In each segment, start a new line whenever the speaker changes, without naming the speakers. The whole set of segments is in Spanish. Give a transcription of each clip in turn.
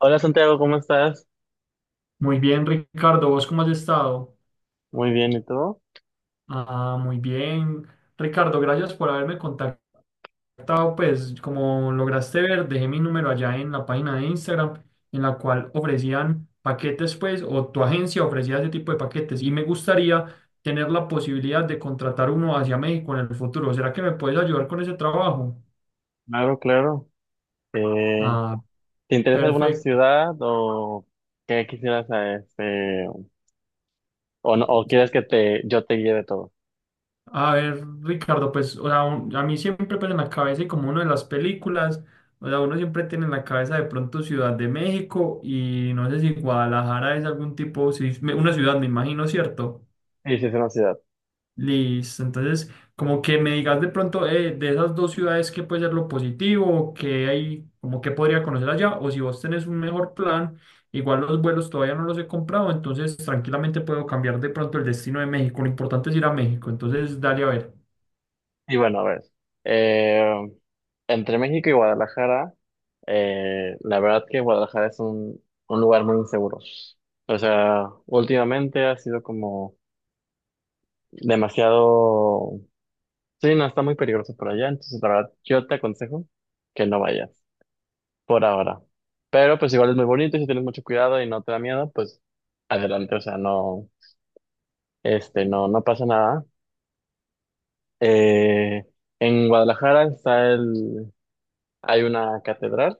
Hola Santiago, ¿cómo estás?
Muy bien, Ricardo, ¿vos cómo has estado?
Muy bien, ¿y tú?
Ah, muy bien. Ricardo, gracias por haberme contactado. Pues como lograste ver, dejé mi número allá en la página de Instagram, en la cual ofrecían paquetes, pues, o tu agencia ofrecía ese tipo de paquetes. Y me gustaría tener la posibilidad de contratar uno hacia México en el futuro. ¿Será que me puedes ayudar con ese trabajo?
Claro, claro. Eh,
Ah,
¿Te interesa alguna
perfecto.
ciudad o qué quisieras, o, o quieres que yo te guíe de todo?
A ver, Ricardo, pues, o sea, a mí siempre pues en la cabeza y como uno de las películas, o sea, uno siempre tiene en la cabeza de pronto Ciudad de México y no sé si Guadalajara es algún tipo, si es una ciudad, me imagino, ¿cierto?
Sí, sí, es una ciudad.
Listo, entonces, como que me digas de pronto de esas dos ciudades, ¿qué puede ser lo positivo? ¿Qué hay, como que podría conocer allá? O si vos tenés un mejor plan, igual los vuelos todavía no los he comprado, entonces tranquilamente puedo cambiar de pronto el destino de México, lo importante es ir a México, entonces dale a ver.
Y bueno, a ver, eh, entre México y Guadalajara, la verdad que Guadalajara es un lugar muy inseguro. O sea, últimamente ha sido como demasiado, sí, no, está muy peligroso por allá. Entonces la verdad, yo te aconsejo que no vayas por ahora. Pero pues igual es muy bonito, y si tienes mucho cuidado y no te da miedo, pues adelante. O sea, no, no, no pasa nada. Eh, en Guadalajara hay una catedral,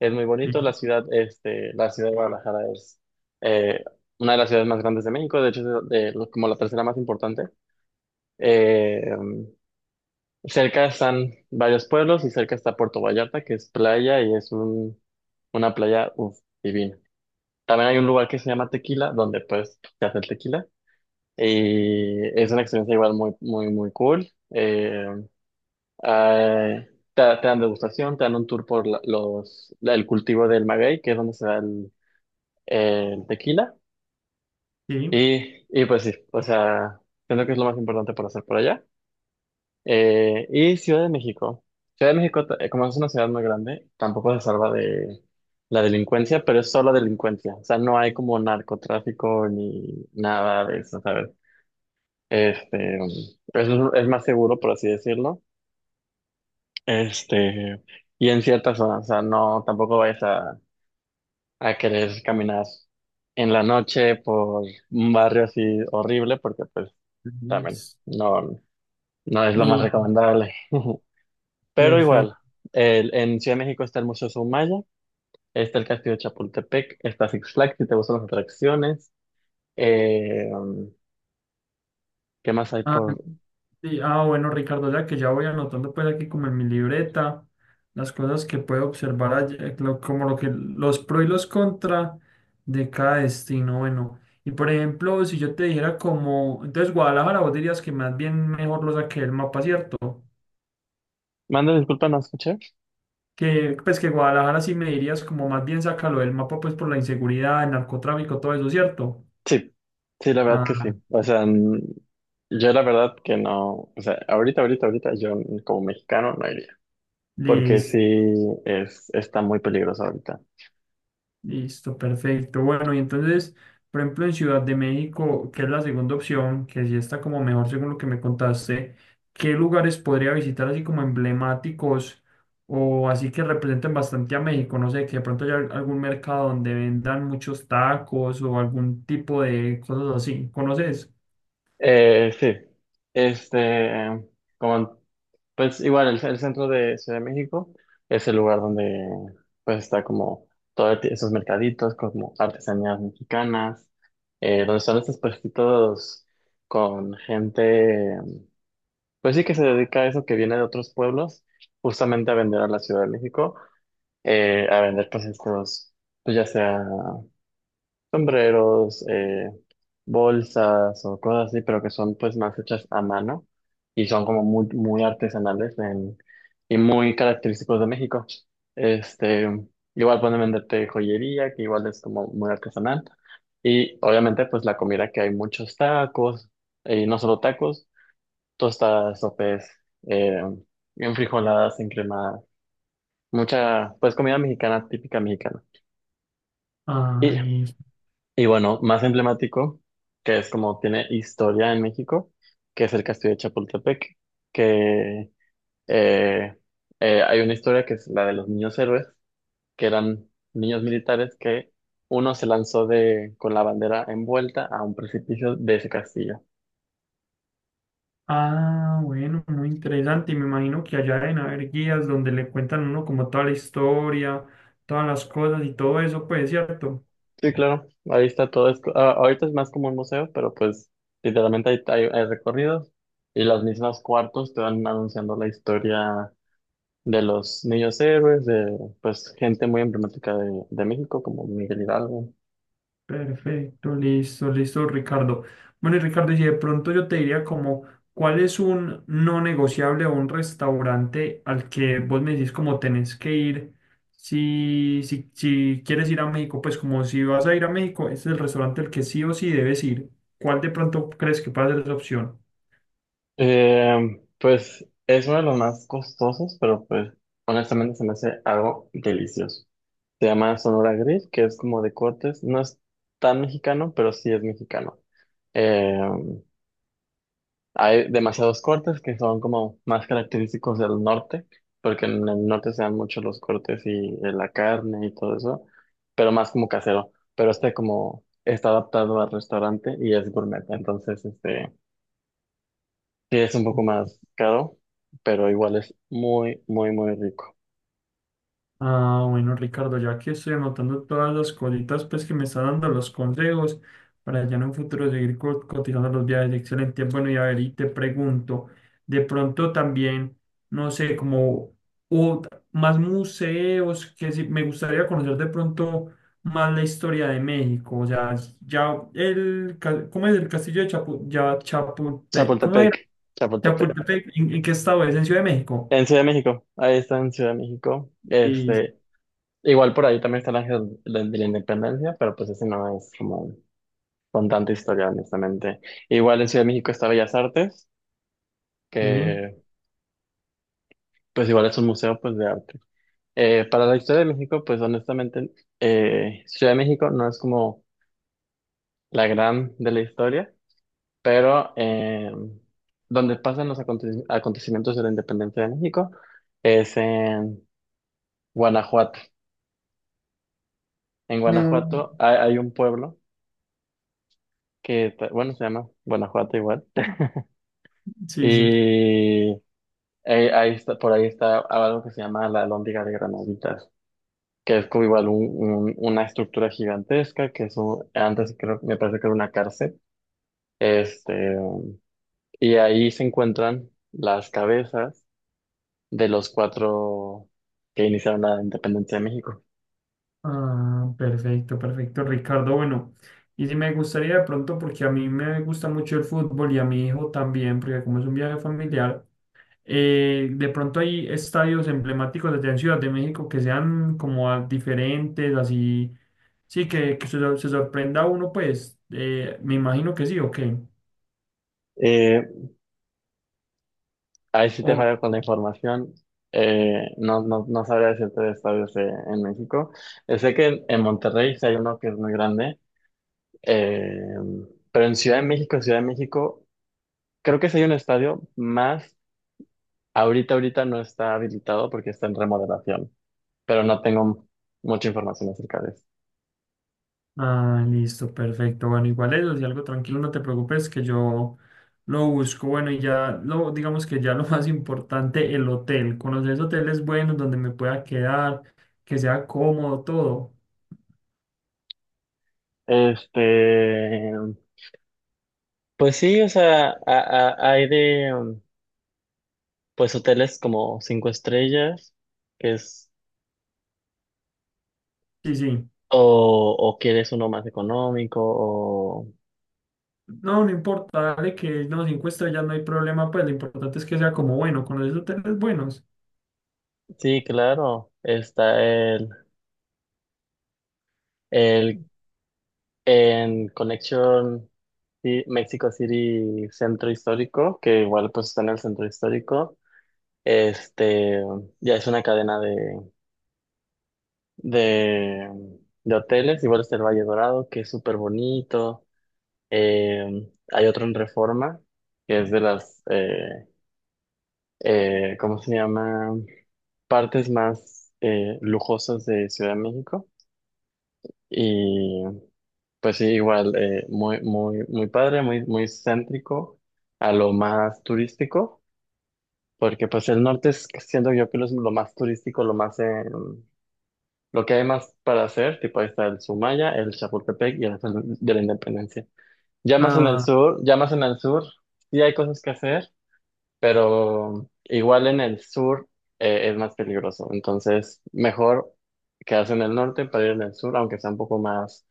es muy bonito. La
Sí.
ciudad, la ciudad de Guadalajara es eh, una de las ciudades más grandes de México. De hecho es como la tercera más importante. Eh, Cerca están varios pueblos y cerca está Puerto Vallarta, que es playa y es una playa, uf, divina. También hay un lugar que se llama Tequila, donde pues se hace el tequila. Y es una experiencia igual muy, muy, muy cool. Ah, te dan degustación, te dan un tour por el cultivo del maguey, que es donde se da el tequila.
Sí,
Y pues sí, o sea, siento que es lo más importante por hacer por allá. Y Ciudad de México. Ciudad de México, como es una ciudad muy grande, tampoco se salva de la delincuencia, pero es solo delincuencia. O sea, no hay como narcotráfico ni nada de eso, ¿sabes? Este, es, es más seguro, por así decirlo. Este, y en ciertas zonas, o sea, no, tampoco vayas a querer caminar en la noche por un barrio así horrible, porque pues también
Luis,
no, no es lo más
y
recomendable. Pero igual,
perfecto.
en Ciudad de México está el Museo Soumaya, está el Castillo de Chapultepec, está Six Flags, si te gustan las atracciones. Eh, um, ¿Qué más hay
Ah,
por...?
sí, ah, bueno, Ricardo, ya que ya voy anotando pues aquí como en mi libreta las cosas que puedo observar allí, como lo que los pro y los contra de cada destino. Bueno, y por ejemplo, si yo te dijera como, entonces Guadalajara, vos dirías que más bien mejor lo saqué del mapa, ¿cierto?
Manda disculpa, ¿no escuché?
Que pues que Guadalajara sí me dirías como más bien sácalo del mapa pues por la inseguridad, el narcotráfico, todo eso, ¿cierto?
Sí, sí, la verdad que sí.
Ah,
O sea, yo la verdad que no... O sea, ahorita, ahorita, ahorita, yo como mexicano no iría. Porque sí,
listo.
es, está muy peligroso ahorita.
Listo, perfecto. Bueno, y entonces, por ejemplo, en Ciudad de México, que es la segunda opción, que sí está como mejor según lo que me contaste, ¿qué lugares podría visitar así como emblemáticos o así que representen bastante a México? No sé, que de pronto haya algún mercado donde vendan muchos tacos o algún tipo de cosas así. ¿Conoces?
Sí, este... Como pues igual, el centro de Ciudad de México es el lugar donde pues está como todos esos mercaditos, como artesanías mexicanas, donde están estos puestitos con gente, pues sí que se dedica a eso, que viene de otros pueblos, justamente a vender a la Ciudad de México, a vender pues estos, pues ya sea sombreros, bolsas o cosas así, pero que son pues más hechas a mano y son como muy, muy artesanales y muy característicos de México. Este, Igual pueden venderte joyería, que igual es como muy artesanal. Y obviamente pues la comida, que hay muchos tacos, y no solo tacos, tostadas, sopes, eh, enfrijoladas, encremadas, mucha pues comida mexicana, típica mexicana.
Ah, listo.
Y bueno, más emblemático, que es como tiene historia en México, que es el Castillo de Chapultepec, que eh, hay una historia que es la de los niños héroes, que eran niños militares que uno se lanzó de, con la bandera envuelta a un precipicio de ese castillo.
Ah, bueno, muy interesante. Y me imagino que allá deben haber guías donde le cuentan a uno como toda la historia, todas las cosas y todo eso, pues, ¿cierto?
Sí, claro, ahí está todo esto. Ah, ahorita es más como un museo, pero pues literalmente hay, hay recorridos y los mismos cuartos te van anunciando la historia de los niños héroes, de pues gente muy emblemática de México, como Miguel Hidalgo.
Perfecto, listo, listo, Ricardo. Bueno, y Ricardo, y si de pronto yo te diría como, ¿cuál es un no negociable o un restaurante al que vos me decís como tenés que ir? Si, si, si quieres ir a México, pues como si vas a ir a México, este es el restaurante al que sí o sí debes ir. ¿Cuál de pronto crees que puede ser esa opción?
Pues es uno de los más costosos, pero pues honestamente se me hace algo delicioso. Se llama Sonora Grill, que es como de cortes. No es tan mexicano, pero sí es mexicano. Eh, Hay demasiados cortes que son como más característicos del norte, porque en el norte se dan mucho los cortes y la carne y todo eso, pero más como casero. Pero este, como está adaptado al restaurante y es gourmet, entonces este sí es un poco más caro, pero igual es muy, muy, muy rico.
Ah, bueno, Ricardo, ya que estoy anotando todas las cositas pues, que me están dando los consejos para ya en un futuro seguir cotizando los viajes. Excelente. Bueno, y a ver, y te pregunto, de pronto también, no sé, como o más museos, que sí, me gustaría conocer de pronto más la historia de México. O sea, ¿cómo es el castillo de Chapultepec? ¿Cómo era?
Chapultepec, Chapultepec.
Chapultepec, en qué estado es? ¿En Ciudad de México?
En Ciudad de México, ahí está en Ciudad de México.
Sí,
Igual por ahí también está el Ángel de la Independencia, pero pues ese no es como con tanta historia, honestamente. Igual en Ciudad de México está Bellas Artes,
sí.
que pues igual es un museo pues de arte. Para la historia de México, pues honestamente, Ciudad de México no es como la gran de la historia, pero donde pasan los acontecimientos de la independencia de México es en Guanajuato. En
No,
Guanajuato hay, hay un pueblo que, bueno, se llama Guanajuato igual.
sí, sí.
Y Ahí está, por ahí está algo que se llama la Alhóndiga de Granaditas, que es como igual una estructura gigantesca, que eso antes creo, me parece que era una cárcel. Este, y ahí se encuentran las cabezas de los cuatro que iniciaron la independencia de México.
Ah, perfecto, perfecto, Ricardo. Bueno, y si me gustaría de pronto, porque a mí me gusta mucho el fútbol y a mi hijo también, porque como es un viaje familiar, de pronto hay estadios emblemáticos allá en Ciudad de México que sean como diferentes, así, sí, que, se sorprenda uno, pues, me imagino que sí, ¿o qué?
Eh, Ahí sí te falla con la información. No, no, no sabría decirte de estadios en México. Sé que en Monterrey sí hay uno que es muy grande. eh, pero en Ciudad de México, Ciudad de México, creo que sí hay un estadio más. Ahorita, ahorita no está habilitado porque está en remodelación, pero no tengo mucha información acerca de eso.
Ah, listo, perfecto. Bueno, igual eso, si algo tranquilo, no te preocupes, que yo lo busco. Bueno, y ya lo, digamos que ya lo más importante, el hotel. Conocer hoteles buenos donde me pueda quedar, que sea cómodo, todo.
Este, pues sí, o sea, hay de, pues hoteles como cinco estrellas, que es,
Sí, sí.
o quieres uno más económico, o,
No, no importa, dale que no, cinco estrellas no hay problema, pues lo importante es que sea como bueno, conocer hoteles buenos.
sí, claro, está el, en Connection, sí, Mexico City Centro Histórico, que igual pues está en el centro histórico. Este, ya es una cadena de, de hoteles. Igual está el Valle Dorado, que es súper bonito. Hay otro en Reforma, que es de ¿cómo se llama? Partes más lujosas de Ciudad de México. Y pues sí, igual, muy, muy, muy padre, muy, muy céntrico a lo más turístico, porque pues el norte es, siento yo que lo es lo más turístico, lo más... lo que hay más para hacer, tipo ahí está el Sumaya, el Chapultepec y el Ángel de la Independencia. Ya más en el
Ah,
sur, ya más en el sur, sí hay cosas que hacer, pero igual en el sur es más peligroso. Entonces, mejor quedarse en el norte para ir en el sur, aunque sea un poco más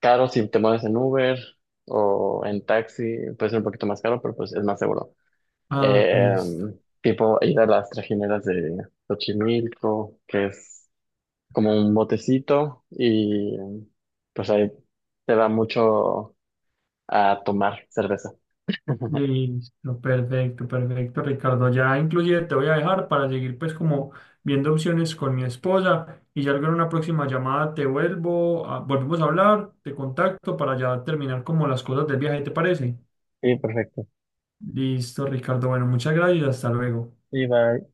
caro. Si te mueves en Uber o en taxi, puede ser un poquito más caro, pero pues es más seguro.
ah,
Eh,
listo.
Tipo ir a las trajineras de Xochimilco, que es como un botecito y pues ahí te va mucho a tomar cerveza.
Listo, perfecto, perfecto, Ricardo. Ya inclusive te voy a dejar para seguir pues como viendo opciones con mi esposa y ya luego en una próxima llamada te vuelvo, volvemos a hablar, te contacto para ya terminar como las cosas del viaje, ¿te parece?
Sí, perfecto.
Listo, Ricardo. Bueno, muchas gracias, y hasta luego.
Y bye.